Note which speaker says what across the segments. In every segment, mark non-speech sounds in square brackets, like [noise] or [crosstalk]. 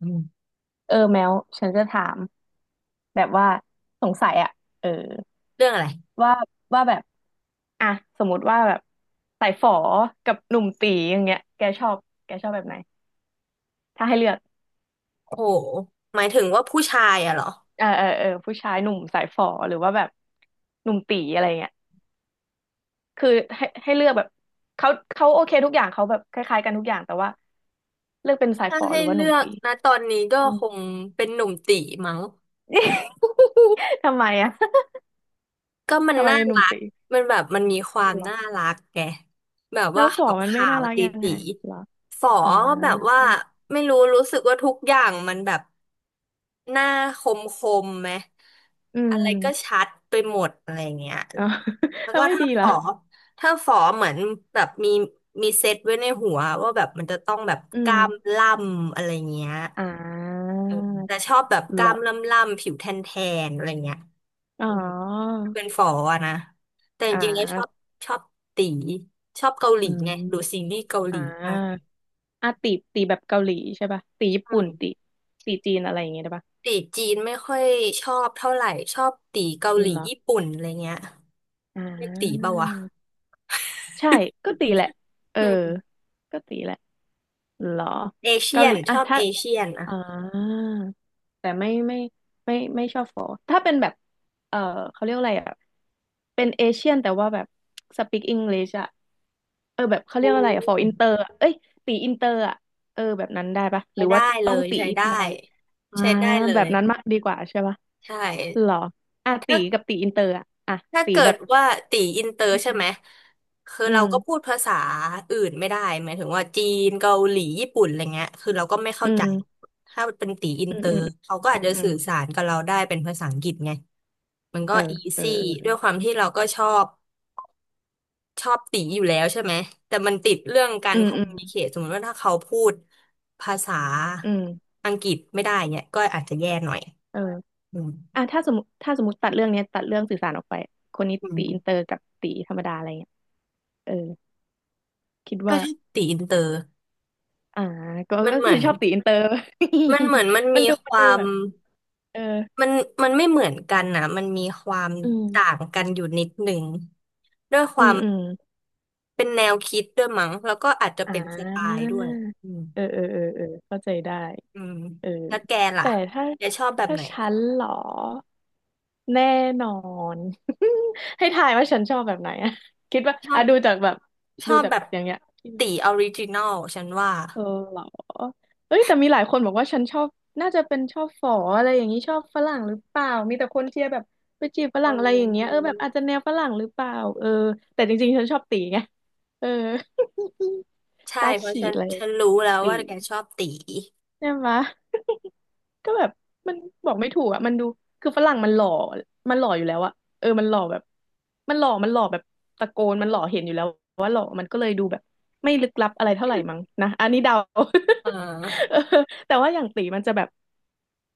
Speaker 1: อืม
Speaker 2: แมวฉันจะถามแบบว่าสงสัยอะเออ
Speaker 1: เรื่องอะไร
Speaker 2: ว่าแบบอ่ะสมมติว่าแบบสายฝอกับหนุ่มตีอย่างเงี้ยแกชอบแบบไหนถ้าให้เลือก
Speaker 1: โอ้โห หมายถึงว่าผู้ชายอะเหรอ
Speaker 2: ผู้ชายหนุ่มสายฝอหรือว่าแบบหนุ่มตีอะไรเงี้ยคือให้เลือกแบบเขาเขาโอเคทุกอย่างเขาแบบคล้ายๆกันทุกอย่างแต่ว่าเลือกเป็นสาย
Speaker 1: ถ้า
Speaker 2: ฝอ
Speaker 1: ให้
Speaker 2: หรือว่าห
Speaker 1: เลื
Speaker 2: นุ่ม
Speaker 1: อก
Speaker 2: ตี
Speaker 1: นะตอนนี้ก็
Speaker 2: อืม
Speaker 1: คงเป็นหนุ่มตีมั้ง
Speaker 2: ทำไมอะ [laughs]
Speaker 1: ก็มัน
Speaker 2: ทำไม
Speaker 1: น่า
Speaker 2: เป็นหนุ่ม
Speaker 1: รัก
Speaker 2: ตี
Speaker 1: มันแบบมันมีความ
Speaker 2: เหรอ
Speaker 1: น่ารักไงแบบ
Speaker 2: แล้
Speaker 1: ว่า
Speaker 2: วฝอ
Speaker 1: ขาว
Speaker 2: มันไม่
Speaker 1: ขา
Speaker 2: น่า
Speaker 1: ว
Speaker 2: รัก
Speaker 1: ตี
Speaker 2: ยัง
Speaker 1: ตี
Speaker 2: ไงเหรอ
Speaker 1: ฝอ
Speaker 2: อ่า
Speaker 1: แบบว่าไม่รู้รู้สึกว่าทุกอย่างมันแบบหน้าคมคมไหม
Speaker 2: อื
Speaker 1: อะไรก็
Speaker 2: ม
Speaker 1: ชัดไปหมดอะไรเงี้ย
Speaker 2: อ๋อ [laughs]
Speaker 1: แล้ว
Speaker 2: แล้ว
Speaker 1: ก็
Speaker 2: ไม่
Speaker 1: ถ้า
Speaker 2: ดีเห
Speaker 1: ฝ
Speaker 2: รอ
Speaker 1: อถ้าฝอเหมือนแบบมีเซตไว้ในหัวว่าแบบมันจะต้องแบบ
Speaker 2: อื
Speaker 1: กล้าม
Speaker 2: ม
Speaker 1: ล่ำอะไรเงี้ย
Speaker 2: อ่า
Speaker 1: เออแต่ชอบแบบก
Speaker 2: เหร
Speaker 1: ล้า
Speaker 2: อ
Speaker 1: มล่ำล่ำผิวแทนแทนอะไรเงี้ย
Speaker 2: อ๋อ
Speaker 1: เป็นฝออะนะแต่จ
Speaker 2: อ่
Speaker 1: ริงๆแล้วชอบ
Speaker 2: า
Speaker 1: ชอบตีชอบเกาหลี
Speaker 2: อื
Speaker 1: ไงดูซี
Speaker 2: ม
Speaker 1: รีส์เกาหลี
Speaker 2: อ่
Speaker 1: มาก
Speaker 2: าอ่าตีแบบเกาหลีใช่ป่ะตีญี่
Speaker 1: อื
Speaker 2: ปุ่น
Speaker 1: ม
Speaker 2: ตีตีจีนอะไรอย่างเงี้ยได้ป่ะ
Speaker 1: ตีจีนไม่ค่อยชอบเท่าไหร่ชอบตีเกาหลี
Speaker 2: เหรอ
Speaker 1: ญี่ปุ่นอะไรเงี้ย
Speaker 2: อ่
Speaker 1: ไม่ตีเป
Speaker 2: า
Speaker 1: ล่าวะ
Speaker 2: ใช่ ก็ตีแหละ เออ
Speaker 1: อืม
Speaker 2: ก็ตีแหละเหรอ
Speaker 1: เอเชี
Speaker 2: เกา
Speaker 1: ย
Speaker 2: ห
Speaker 1: น
Speaker 2: ลี
Speaker 1: ช
Speaker 2: อ่ะ
Speaker 1: อบ
Speaker 2: ถ้า
Speaker 1: เอเชียนอะ
Speaker 2: อ่า แต่ไม่ชอบฟอถ้าเป็นแบบเออเขาเรียกอะไรอ่ะเป็นเอเชียนแต่ว่าแบบสปีกอังกฤษอ่ะเออแบบเขา
Speaker 1: อื
Speaker 2: เรียกอะไรอ่ะฟออิ
Speaker 1: ม
Speaker 2: นเตอร์เอ้ยตีอินเตอร์อ่ะเออแบบนั้นได้ปะห
Speaker 1: ใช้
Speaker 2: รือ
Speaker 1: ได้
Speaker 2: ว่า
Speaker 1: เล
Speaker 2: ต้อง
Speaker 1: ย
Speaker 2: ตี
Speaker 1: ใช้
Speaker 2: ธ
Speaker 1: ได้
Speaker 2: รรมดาเลยอ่า
Speaker 1: ใช้ได้เล
Speaker 2: แบ
Speaker 1: ย
Speaker 2: บนั้นมากดีกว่าใช่ปะ
Speaker 1: ใช่
Speaker 2: หรออ่ะตี
Speaker 1: ถ้า
Speaker 2: กับตีอินเตอร์อ่ะ
Speaker 1: ถ้า
Speaker 2: ตี
Speaker 1: เกิ
Speaker 2: แบ
Speaker 1: ด
Speaker 2: บ
Speaker 1: ว่าตีอินเตอร์
Speaker 2: อื
Speaker 1: ใช่ไหม
Speaker 2: ม
Speaker 1: คือ
Speaker 2: อื
Speaker 1: เราก็พู
Speaker 2: ม
Speaker 1: ดภาษาอื่นไม่ได้หมายถึงว่าจีนเกาหลีญี่ปุ่นอะไรเงี้ยคือเราก็ไม่
Speaker 2: อื
Speaker 1: เข้าใจ
Speaker 2: ม
Speaker 1: ถ้าเป็นตีอิน
Speaker 2: อื
Speaker 1: เต
Speaker 2: ม
Speaker 1: อ
Speaker 2: อืม
Speaker 1: ร์เขาก็
Speaker 2: อื
Speaker 1: อาจ
Speaker 2: ม
Speaker 1: จะ
Speaker 2: อืม
Speaker 1: สื่อสารกับเราได้เป็นภาษาอังกฤษไงมันก็
Speaker 2: เออ
Speaker 1: อี
Speaker 2: เออ
Speaker 1: ซี่ด้วยความที่เราก็ชอบตีอยู่แล้วใช่ไหมแต่มันติดเรื่องการคอม
Speaker 2: ออืมอื
Speaker 1: มูนิเค
Speaker 2: ม
Speaker 1: ชสมมติว่าถ้าเขาพูดภาษา
Speaker 2: อืม
Speaker 1: อังกฤษไม่ได้เนี่ยก็อาจจะแย่หน่อย
Speaker 2: เออ
Speaker 1: อืม
Speaker 2: อ่ะถ้าสมมติตัดเรื่องเนี้ยตัดเรื่องสื่อสารออกไปคนนี้
Speaker 1: อืม
Speaker 2: ตีอินเตอร์กับตีธรรมดาอะไรเงี้ยเออคิด
Speaker 1: ก็
Speaker 2: ว่า
Speaker 1: ถ้าตีอินเตอร์
Speaker 2: อ่า
Speaker 1: มัน
Speaker 2: ก็
Speaker 1: เหมื
Speaker 2: คือ
Speaker 1: อน
Speaker 2: ชอบตีอินเตอร์
Speaker 1: มันเหมือนมัน
Speaker 2: [laughs] มัน
Speaker 1: มี
Speaker 2: ดู
Speaker 1: ความ
Speaker 2: แบบเออ
Speaker 1: มันมันไม่เหมือนกันนะมันมีความ
Speaker 2: อื
Speaker 1: ต่า
Speaker 2: ม
Speaker 1: งกันอยู่นิดหนึ่งด้วยความ
Speaker 2: อืม
Speaker 1: เป็นแนวคิดด้วยมั้งแล้วก็อาจจะ
Speaker 2: อ่า
Speaker 1: เป็นสไตล์ด้วยอืม
Speaker 2: เออเข้าใจได้
Speaker 1: อืม
Speaker 2: เออ
Speaker 1: แล้วแกล่ะ
Speaker 2: แต่ถ้า
Speaker 1: แกชอบแบบไหน
Speaker 2: ฉันเหรอแน่นอน [laughs] ให้ทายว่าฉันชอบแบบไหนอะคิดว่า
Speaker 1: ชอ
Speaker 2: อ่ะ
Speaker 1: บ
Speaker 2: ดูจากแบบ
Speaker 1: ช
Speaker 2: ดู
Speaker 1: อบ
Speaker 2: จาก
Speaker 1: แบบ
Speaker 2: อย่างเงี้ย
Speaker 1: ตีออริจินอลฉันว่า
Speaker 2: เออเหรอเอ้ยแต่มีหลายคนบอกว่าฉันชอบน่าจะเป็นชอบฝออะไรอย่างนี้ชอบฝรั่งหรือเปล่ามีแต่คนเชียร์แบบไปจีบฝ
Speaker 1: เอ
Speaker 2: รั่งอะไรอย่างเงี้ยเออ
Speaker 1: อ
Speaker 2: แบบอาจจะแนวฝรั่งหรือเปล่าเออแต่จริงๆฉันชอบตีไงเออ
Speaker 1: ใช่
Speaker 2: [laughs] ตา
Speaker 1: เพราะ
Speaker 2: ขี
Speaker 1: ฉั
Speaker 2: ด
Speaker 1: น
Speaker 2: เลย
Speaker 1: ฉันรู้แล้วว่า
Speaker 2: ตี
Speaker 1: แกชอบตี
Speaker 2: ใช่ไหม ก็แบบมันบอกไม่ถูกอ่ะมันดูคือฝรั่งมันหล่ออยู่แล้วอ่ะเออมันหล่อแบบมันหล่อแบบตะโกนมันหล่อเห็นอยู่แล้วว่าหล่อมันก็เลยดูแบบไม่ลึกลับอะไรเท่าไหร่มั้งนะอันนี้เดา
Speaker 1: อ่
Speaker 2: [laughs] เอ
Speaker 1: า
Speaker 2: อแต่ว่าอย่างตี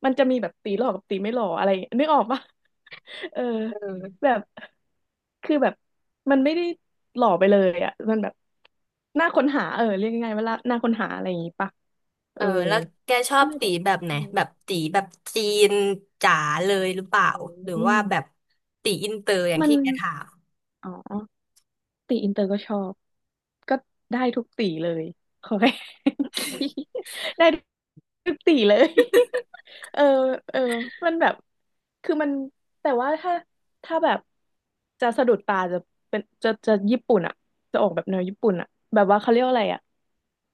Speaker 2: มันจะมีแบบตีหล่อกับตีไม่หล่ออะไรนึกออกปะ [laughs] เออ
Speaker 1: เ
Speaker 2: แบ
Speaker 1: ออ
Speaker 2: บคือแบบมันไม่ได้หล่อไปเลยอ่ะมันแบบน่าค้นหาเออเรียกง่ายๆว่าน่าค้นหาอะไรอย่างงี้ปะเอ
Speaker 1: เอ
Speaker 2: อ
Speaker 1: อแล้วแกชอ
Speaker 2: ก็
Speaker 1: บ
Speaker 2: เลย
Speaker 1: ตี
Speaker 2: แบบ
Speaker 1: แบบไหนแบบตีแบบจีนจ๋าเลยหรือเปล่า
Speaker 2: อ
Speaker 1: หรือ
Speaker 2: ืม
Speaker 1: ว่าแบบตีอินเตอร์อย่าง
Speaker 2: มัน
Speaker 1: ที่แกถาม
Speaker 2: อ๋อ ตีอินเตอร์ก็ชอบก็ได้ทุกตีเลยขอให้ [laughs] ได้ทุกตีเลย [laughs] เออเออมันแบบคือมันแต่ว่าถ้าแบบจะสะดุดตาจะเป็นจะญี่ปุ่นอ่ะจะออกแบบแนวญี่ปุ่นอ่ะแบบว่าเขาเรียกว่าอะไรอ่ะ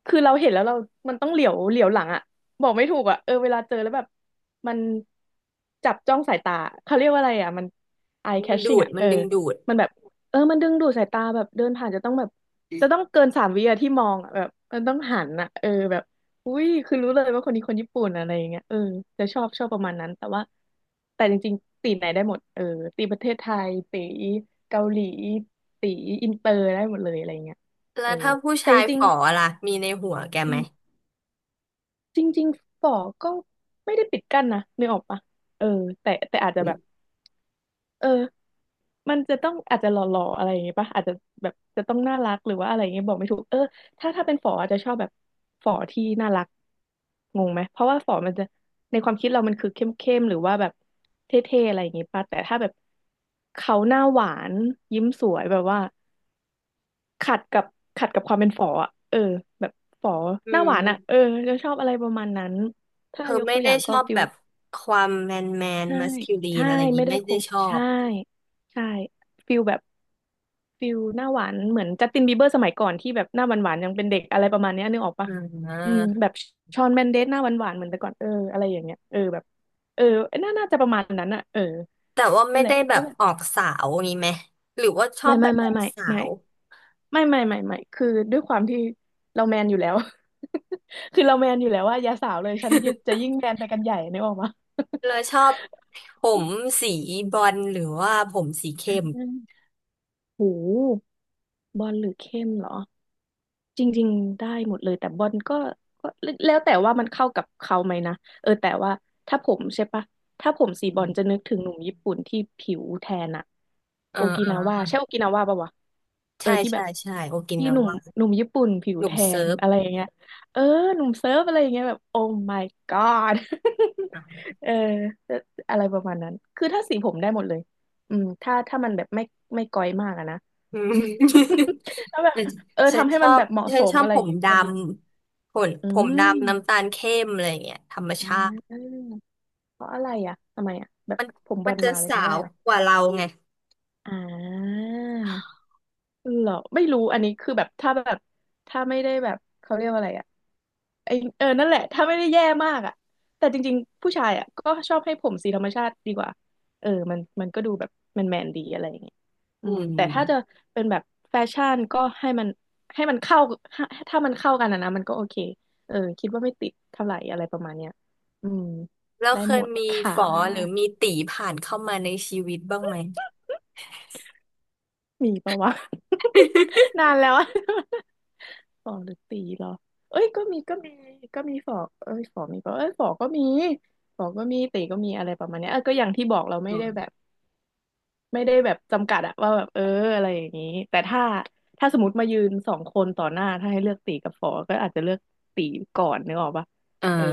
Speaker 2: คือเราเห็นแล้วเรามันต้องเหลียวหลังอ่ะบอกไม่ถูกอ่ะเออเวลาเจอแล้วแบบมันจับจ้องสายตาเขาเรียกว่าอะไรอ่ะมัน eye
Speaker 1: มันดู
Speaker 2: catching
Speaker 1: ด
Speaker 2: อ่ะ
Speaker 1: มั
Speaker 2: เอ
Speaker 1: น
Speaker 2: อ
Speaker 1: ดึงดูด
Speaker 2: มันแบบ เออมันดึงดูดสายตาแบบเดินผ่านจะต้องแบบจะต้องเกินสามวิอะที่มองอะแบบมันต้องหันอะเออแบบอุ้ยคือรู้เลยว่าคนนี้คนญี่ปุ่นอะไรอย่างเงี้ยเออจะชอบชอบประมาณนั้นแต่ว่าแต่จริงๆตีไหนได้หมดเออตีประเทศไทยตีเกาหลีตีอินเตอร์ได้หมดเลยอะไรอย่างเงี้ย
Speaker 1: แล้
Speaker 2: เออ
Speaker 1: วถ้าผู้
Speaker 2: แต่
Speaker 1: ชา
Speaker 2: จ
Speaker 1: ยฝ
Speaker 2: ริง
Speaker 1: อล่ะมีในหัวแก
Speaker 2: ๆอื
Speaker 1: ไหม
Speaker 2: มจริงๆฝอก็ไม่ได้ปิดกั้นนะนึกออกปะเออแต่อาจจะ
Speaker 1: อื
Speaker 2: แบบ
Speaker 1: ม
Speaker 2: เออ มันจะต้องอาจจะหล่อๆอะไรอย่างงี้ป่ะอาจจะแบบจะต้องน่ารักหรือว่าอะไรอย่างเงี้ยบอกไม่ถูกเออถ้าเป็นฝออาจจะชอบแบบฝอที่น่ารักงงไหมเพราะว่าฝอมันจะในความคิดเรามันคือเข้มๆหรือว่าแบบเท่ๆอะไรอย่างงี้ป่ะแต่ถ้าแบบเขาหน้าหวานยิ้มสวยแบบว่าขัดกับขัดกับความเป็นฝออ่ะเออแบบฝอ
Speaker 1: อื
Speaker 2: หน้าหวานอ่ะเอ
Speaker 1: ม
Speaker 2: อจะชอบอะไรประมาณนั้น
Speaker 1: เธ
Speaker 2: ถ้า
Speaker 1: อ
Speaker 2: ยก
Speaker 1: ไม่
Speaker 2: ตัวอ
Speaker 1: ได้
Speaker 2: ย่าง
Speaker 1: ช
Speaker 2: ก็
Speaker 1: อบ
Speaker 2: ฟิ
Speaker 1: แบ
Speaker 2: ล
Speaker 1: บความแมนแมน
Speaker 2: ใช่
Speaker 1: มัสคิลีน
Speaker 2: ใช่
Speaker 1: อะไรอย่าง
Speaker 2: ไม่
Speaker 1: นี้
Speaker 2: ได้
Speaker 1: ไม่
Speaker 2: ค
Speaker 1: ได้
Speaker 2: ม
Speaker 1: ชอ
Speaker 2: ใช่
Speaker 1: บ
Speaker 2: ใช่ฟิลแบบ ฟิลหน้าหวานเหมือนจัสตินบีเบอร์สมัยก่อนที่แบบหน้าหวานหวานยังเป็นเด็กอะไรประมาณเนี้ยนึกออกปะ
Speaker 1: อ
Speaker 2: อืม
Speaker 1: ่า
Speaker 2: แบบชอนแมนเดสหน้าหวานหวานเหมือนแต่ก่อนเอออะไรอย่างเงี้ยเออแบบเออน่าจะประมาณนั้นอะเออ
Speaker 1: แต่ว่า
Speaker 2: นั่
Speaker 1: ไม่
Speaker 2: นแห
Speaker 1: ได้
Speaker 2: ละ
Speaker 1: แบ
Speaker 2: ก็
Speaker 1: บ
Speaker 2: แบบ
Speaker 1: ออกสาวงี้ไหมหรือว่าชอ
Speaker 2: ไม่
Speaker 1: บแบ
Speaker 2: ไม่
Speaker 1: บอ
Speaker 2: ไม่
Speaker 1: อก
Speaker 2: ไม่
Speaker 1: สา
Speaker 2: ไม่
Speaker 1: ว
Speaker 2: ไม่คือด้วยความที่เราแมนอยู่แล้ว [laughs] คือเราแมนอยู่แล้วว่าอย่าสาวเลยฉันยิ่งจะยิ่งแมนไปกันใหญ่นึกออกปะ
Speaker 1: แล้วชอบผมสีบรอลหรือว่าผมสีเข้ม
Speaker 2: [laughs] โหบอลหรือเข้มเหรอ จริงๆได้หมดเลยแต่บอลก็แล้วแต่ว่ามันเข้ากับเขาไหมนะเออแต่ว่าถ้าผมใช่ปะถ้าผมสีบอลจะนึกถึงหนุ่มญี่ปุ่นที่ผิวแทนอะ
Speaker 1: เอ
Speaker 2: โอกินาวา
Speaker 1: อ
Speaker 2: ใช่โอกินาวาปะวะเออ
Speaker 1: ใช่
Speaker 2: ที่แบ
Speaker 1: ใช่
Speaker 2: บ
Speaker 1: ใช่โอกิ
Speaker 2: ที่
Speaker 1: นา
Speaker 2: หนุ่ม
Speaker 1: ว่า
Speaker 2: หนุ่มญี่ปุ่นผิว
Speaker 1: หนุ่
Speaker 2: แท
Speaker 1: มเซิ
Speaker 2: น
Speaker 1: ร์ฟ
Speaker 2: อะไรอย่างเงี้ยเออหนุ่มเซิร์ฟอะไรอย่างเงี้ยแบบโอ้ my god
Speaker 1: อ่
Speaker 2: [laughs] เอออะไรประมาณนั้นคือถ้าสีผมได้หมดเลยอืมถ้ามันแบบไม่ก้อยมากอะนะ
Speaker 1: ืม
Speaker 2: [laughs] ถ้าแบบ
Speaker 1: [laughs]
Speaker 2: เออ
Speaker 1: ฉัน
Speaker 2: ทำให้
Speaker 1: ชอ
Speaker 2: มัน
Speaker 1: บ
Speaker 2: แบบเหมาะ
Speaker 1: ฉั
Speaker 2: ส
Speaker 1: น
Speaker 2: ม
Speaker 1: ชอบ
Speaker 2: อะไร
Speaker 1: ผ
Speaker 2: อย่าง
Speaker 1: ม
Speaker 2: เงี้ย
Speaker 1: ด
Speaker 2: ก็ดี
Speaker 1: ำผม
Speaker 2: อื
Speaker 1: ผมดำน้ำตา
Speaker 2: ม
Speaker 1: ลเข้มอะไรอย่างเงี้ยธรรม
Speaker 2: อ่
Speaker 1: ชาติ
Speaker 2: าเพราะอะไรอ่ะทำไมอ่ะแบบ
Speaker 1: มัน
Speaker 2: ผมบ
Speaker 1: มั
Speaker 2: อ
Speaker 1: น
Speaker 2: ล
Speaker 1: จะ
Speaker 2: มาเลย
Speaker 1: สา
Speaker 2: ไม่ได้
Speaker 1: ว
Speaker 2: เหรอ
Speaker 1: กว่าเราไง
Speaker 2: อ่าเหรอ ไม่รู้อันนี้คือแบบถ้าแบบถ้าไม่ได้แบบเขาเรียกว่าอะไรอ่ะ ไอเออ นั่นแหละ ถ้าไม่ได้แย่มากอ่ะแต่จริงๆ ผู้ชายอ่ะก็ชอบให้ผมสีธรรมชาติดีกว่า เออ มันก็ดูแบบแมนแมนดีอะไรอย่างเงี้ยอื
Speaker 1: อื
Speaker 2: มแต่ถ้าจะ
Speaker 1: ม
Speaker 2: เป็นแบบแฟชั่นก็ให้มันเข้าถ้ามันเข้ากันอะนะ มันก็โอเค เออ คิดว่าไม่ติดเท่าไหร่อะไรประมาณเนี้ยอืม
Speaker 1: แล้ว
Speaker 2: ได้
Speaker 1: เค
Speaker 2: ห
Speaker 1: ย
Speaker 2: มด
Speaker 1: มี
Speaker 2: ค่
Speaker 1: ฝอหรือ
Speaker 2: ะ
Speaker 1: มีตีผ่านเข้ามาในชีวิตบ้างไหม
Speaker 2: มีปะวะ
Speaker 1: [laughs]
Speaker 2: [laughs] นานแล้วอะ [laughs] ฝอหรือตีเหรอเอ้ยก็มีก็มีฝอเอ้ยฝอมีปะเอ้ยฝอก็มีฝอก็มีตีก็มีอะไรประมาณเนี้ยเออก็อย่างที่บอกเราไม่
Speaker 1: อื
Speaker 2: ได้
Speaker 1: ม [laughs]
Speaker 2: แบบไม่ได้แบบจำกัดอะว่าแบบเอออะไรอย่างนี้แต่ถ้าถ้าสมมติมายืนสองคนต่อหน้าถ้าให้เลือกตีกับฝอก็อาจจะเลือกตีก่อนนึกออกปะ
Speaker 1: อ่า
Speaker 2: เออ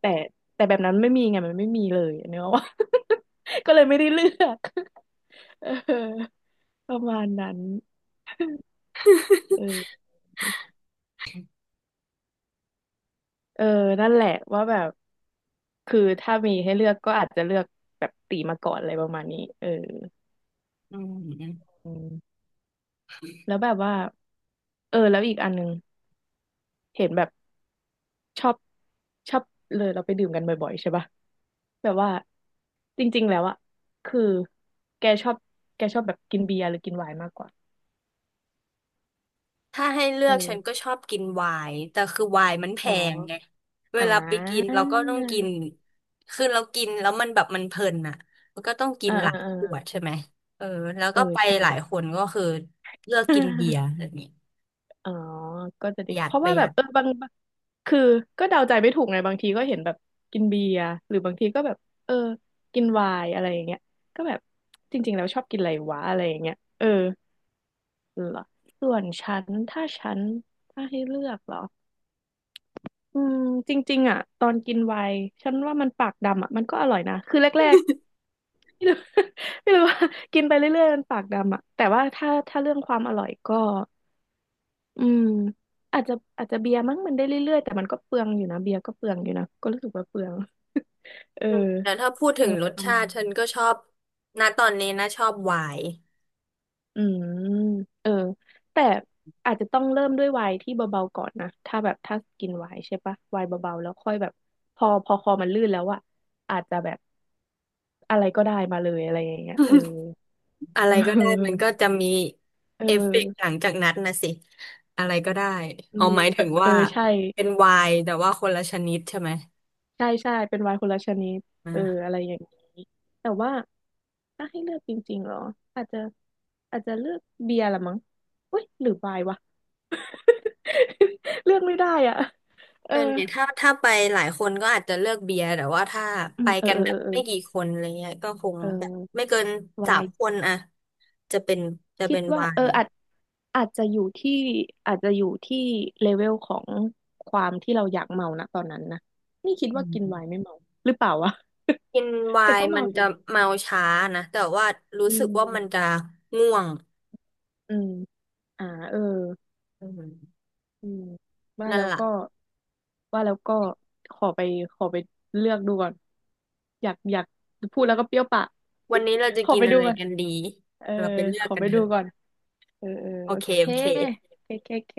Speaker 2: แต่แต่แบบนั้นไม่มีไงมันไม่มีเลยนึกออกปะ [laughs] ก็เลยไม่ได้เลือก [laughs] เออประมาณนั้น
Speaker 1: [laughs]
Speaker 2: เออ เออนั่นแหละว่าแบบ คือถ้ามีให้เลือกก็อาจจะเลือกแบบตีมาก่อนอะไรประมาณนี้เออ
Speaker 1: อืม
Speaker 2: อืมแล้วแบบว่า เออแล้วอีกอันหนึงเห็นแบบชอบชอบเลยเราไปดื่มกันบ่อยๆใช่ปะ แบบว่าจริงๆแล้วอะคือแกชอบแกชอบแบบกินเบียร์หรือกินไวน์มากกว่า
Speaker 1: ถ้าให้เลือกฉันก็
Speaker 2: เออ
Speaker 1: ชอบกินไวน์แต่คือไวน์มันแพ
Speaker 2: เนอ
Speaker 1: ง
Speaker 2: ะ
Speaker 1: ไงเว
Speaker 2: อ่
Speaker 1: ลาไปกิน
Speaker 2: า
Speaker 1: เราก็ต้องกินคือเรากินแล้วมันแบบมันเพลินอ่ะมันก็ต้องกิ
Speaker 2: เอ
Speaker 1: น
Speaker 2: อ
Speaker 1: ห
Speaker 2: เออ
Speaker 1: ลาย
Speaker 2: เออ
Speaker 1: ขวดใช่ไหมเออแล้ว
Speaker 2: เออ
Speaker 1: ก็ไป
Speaker 2: ใช่
Speaker 1: หลายคนก็คือเลือกกินเบียร์
Speaker 2: [laughs]
Speaker 1: แบบนี้
Speaker 2: อ๋อก็จะ
Speaker 1: ป
Speaker 2: ดิ
Speaker 1: ระหยั
Speaker 2: เพ
Speaker 1: ด
Speaker 2: ราะ
Speaker 1: ป
Speaker 2: ว่า
Speaker 1: ระห
Speaker 2: แบ
Speaker 1: ยั
Speaker 2: บ
Speaker 1: ด
Speaker 2: เออบางบางคือก็เดาใจไม่ถูกไงบางทีก็เห็นแบบกินเบียร์หรือบางทีก็แบบเออกินไวน์อะไรอย่างเงี้ยก็แบบจริงๆแล้วชอบกินอะไรวะอะไรอย่างเงี้ยเออเหรอส่วนฉันถ้าฉันถ้าให้เลือกเหรออืมจริงๆอ่ะตอนกินไวน์ฉันว่ามันปากดำอ่ะมันก็อร่อยนะคือแรกๆไม่รู้ [laughs] ไม่รู้ว่ากินไปเรื่อยๆมันปากดำอ่ะแต่ว่าถ้าถ้าเรื่องความอร่อยก็ อืมอาจจะเบียร์มั้งมันได้เรื่อยๆแต่มันก็เปลืองอยู่นะเบียร์ก็เปลืองอยู่นะก็รู้สึกว่าเปลืองเออ
Speaker 1: อืมแต่ถ้าพูดถึ
Speaker 2: อะ
Speaker 1: ง
Speaker 2: ไร
Speaker 1: รส
Speaker 2: ประ
Speaker 1: ชา
Speaker 2: มาณ
Speaker 1: ติ
Speaker 2: นั้
Speaker 1: ฉั
Speaker 2: น
Speaker 1: นก็ชอบณตอนนี้นะชอบไวน์
Speaker 2: อืมเออแต่อาจจะต้องเริ่มด้วยไวน์ที่เบาๆก่อนนะถ้าแบบถ้ากินไวน์ใช่ปะไวน์เบาๆแล้วค่อยแบบพอคอมันลื่นแล้วอะอาจจะแบบอะไรก็ได้มาเลยอะไรอย่างเงี้ยเออ
Speaker 1: อะ
Speaker 2: เ
Speaker 1: ไรก็ได้มัน
Speaker 2: ออ
Speaker 1: ก็จะมี
Speaker 2: เอ
Speaker 1: เอฟเฟกต์หลั
Speaker 2: อ
Speaker 1: งจากนั้นนะสิอะไรก็ได้
Speaker 2: เออ
Speaker 1: เอาหมายถึง
Speaker 2: เออ
Speaker 1: ว่า
Speaker 2: ใช่
Speaker 1: เป็นไวน์แต่ว่าคนละชนิดใช่ไหม
Speaker 2: ใช่ใช่เป็นไวน์คนละชนิดเออ
Speaker 1: อ่า
Speaker 2: อะไรอย่างนี้แต่ว่าถ้าให้เลือกจริงๆเหรออาจจะอาจจะเลือกเบียร์ละมั้งเว้ยหรือไวน์วะ [laughs] เลือกไม่ได้อ่ะเอ
Speaker 1: เอ
Speaker 2: อ
Speaker 1: อเนี่ยถ้าไปหลายคนก็อาจจะเลือกเบียร์แต่ว่าถ้า
Speaker 2: อื
Speaker 1: ไป
Speaker 2: มเออ
Speaker 1: กัน
Speaker 2: เออ
Speaker 1: แบบ
Speaker 2: เออ
Speaker 1: ไม่กี่คนอะไรเงี้ยก็คง
Speaker 2: เออ
Speaker 1: แบบไม่
Speaker 2: เออ
Speaker 1: เกินสา
Speaker 2: วาย
Speaker 1: มคนอะจะเป็นจะ
Speaker 2: คิ
Speaker 1: เป็
Speaker 2: ด
Speaker 1: นไว
Speaker 2: ว่าเออ
Speaker 1: น์
Speaker 2: อาจจะอยู่ที่อาจจะอยู่ที่เลเวลของความที่เราอยากเมานะตอนนั้นนะนี่คิด
Speaker 1: อื
Speaker 2: ว่ากินไวน์
Speaker 1: ม
Speaker 2: ไม่เมาหรือเปล่าวะ
Speaker 1: กินไว
Speaker 2: [laughs] แต่ก็
Speaker 1: น์มั
Speaker 2: เมา
Speaker 1: น
Speaker 2: อ
Speaker 1: จะ
Speaker 2: ยู่
Speaker 1: เมาช้านะแต่ว่ารู้
Speaker 2: อื
Speaker 1: สึกว่ามัน
Speaker 2: ม
Speaker 1: จะง่วง
Speaker 2: อืมอ่าเออ
Speaker 1: อืม
Speaker 2: อืมว่า
Speaker 1: นั่น
Speaker 2: แล้ว
Speaker 1: ล่ะ
Speaker 2: ก็ว่าแล้วก็ขอไปขอไปเลือกดูก่อนอยากพูดแล้วก็เปรี้ยวปาก
Speaker 1: วันนี้เราจะ
Speaker 2: [laughs] ขอ
Speaker 1: กิน
Speaker 2: ไป
Speaker 1: อะ
Speaker 2: ดู
Speaker 1: ไร
Speaker 2: ก่อน
Speaker 1: กันดี
Speaker 2: เออ
Speaker 1: เราไปเลื
Speaker 2: ข
Speaker 1: อก
Speaker 2: อ
Speaker 1: กัน
Speaker 2: ไป
Speaker 1: เถ
Speaker 2: ดู
Speaker 1: อะ
Speaker 2: ก่อนเออเออ
Speaker 1: โอ
Speaker 2: โอ
Speaker 1: เค
Speaker 2: เค
Speaker 1: โอเค
Speaker 2: โอเคโอเคโอเค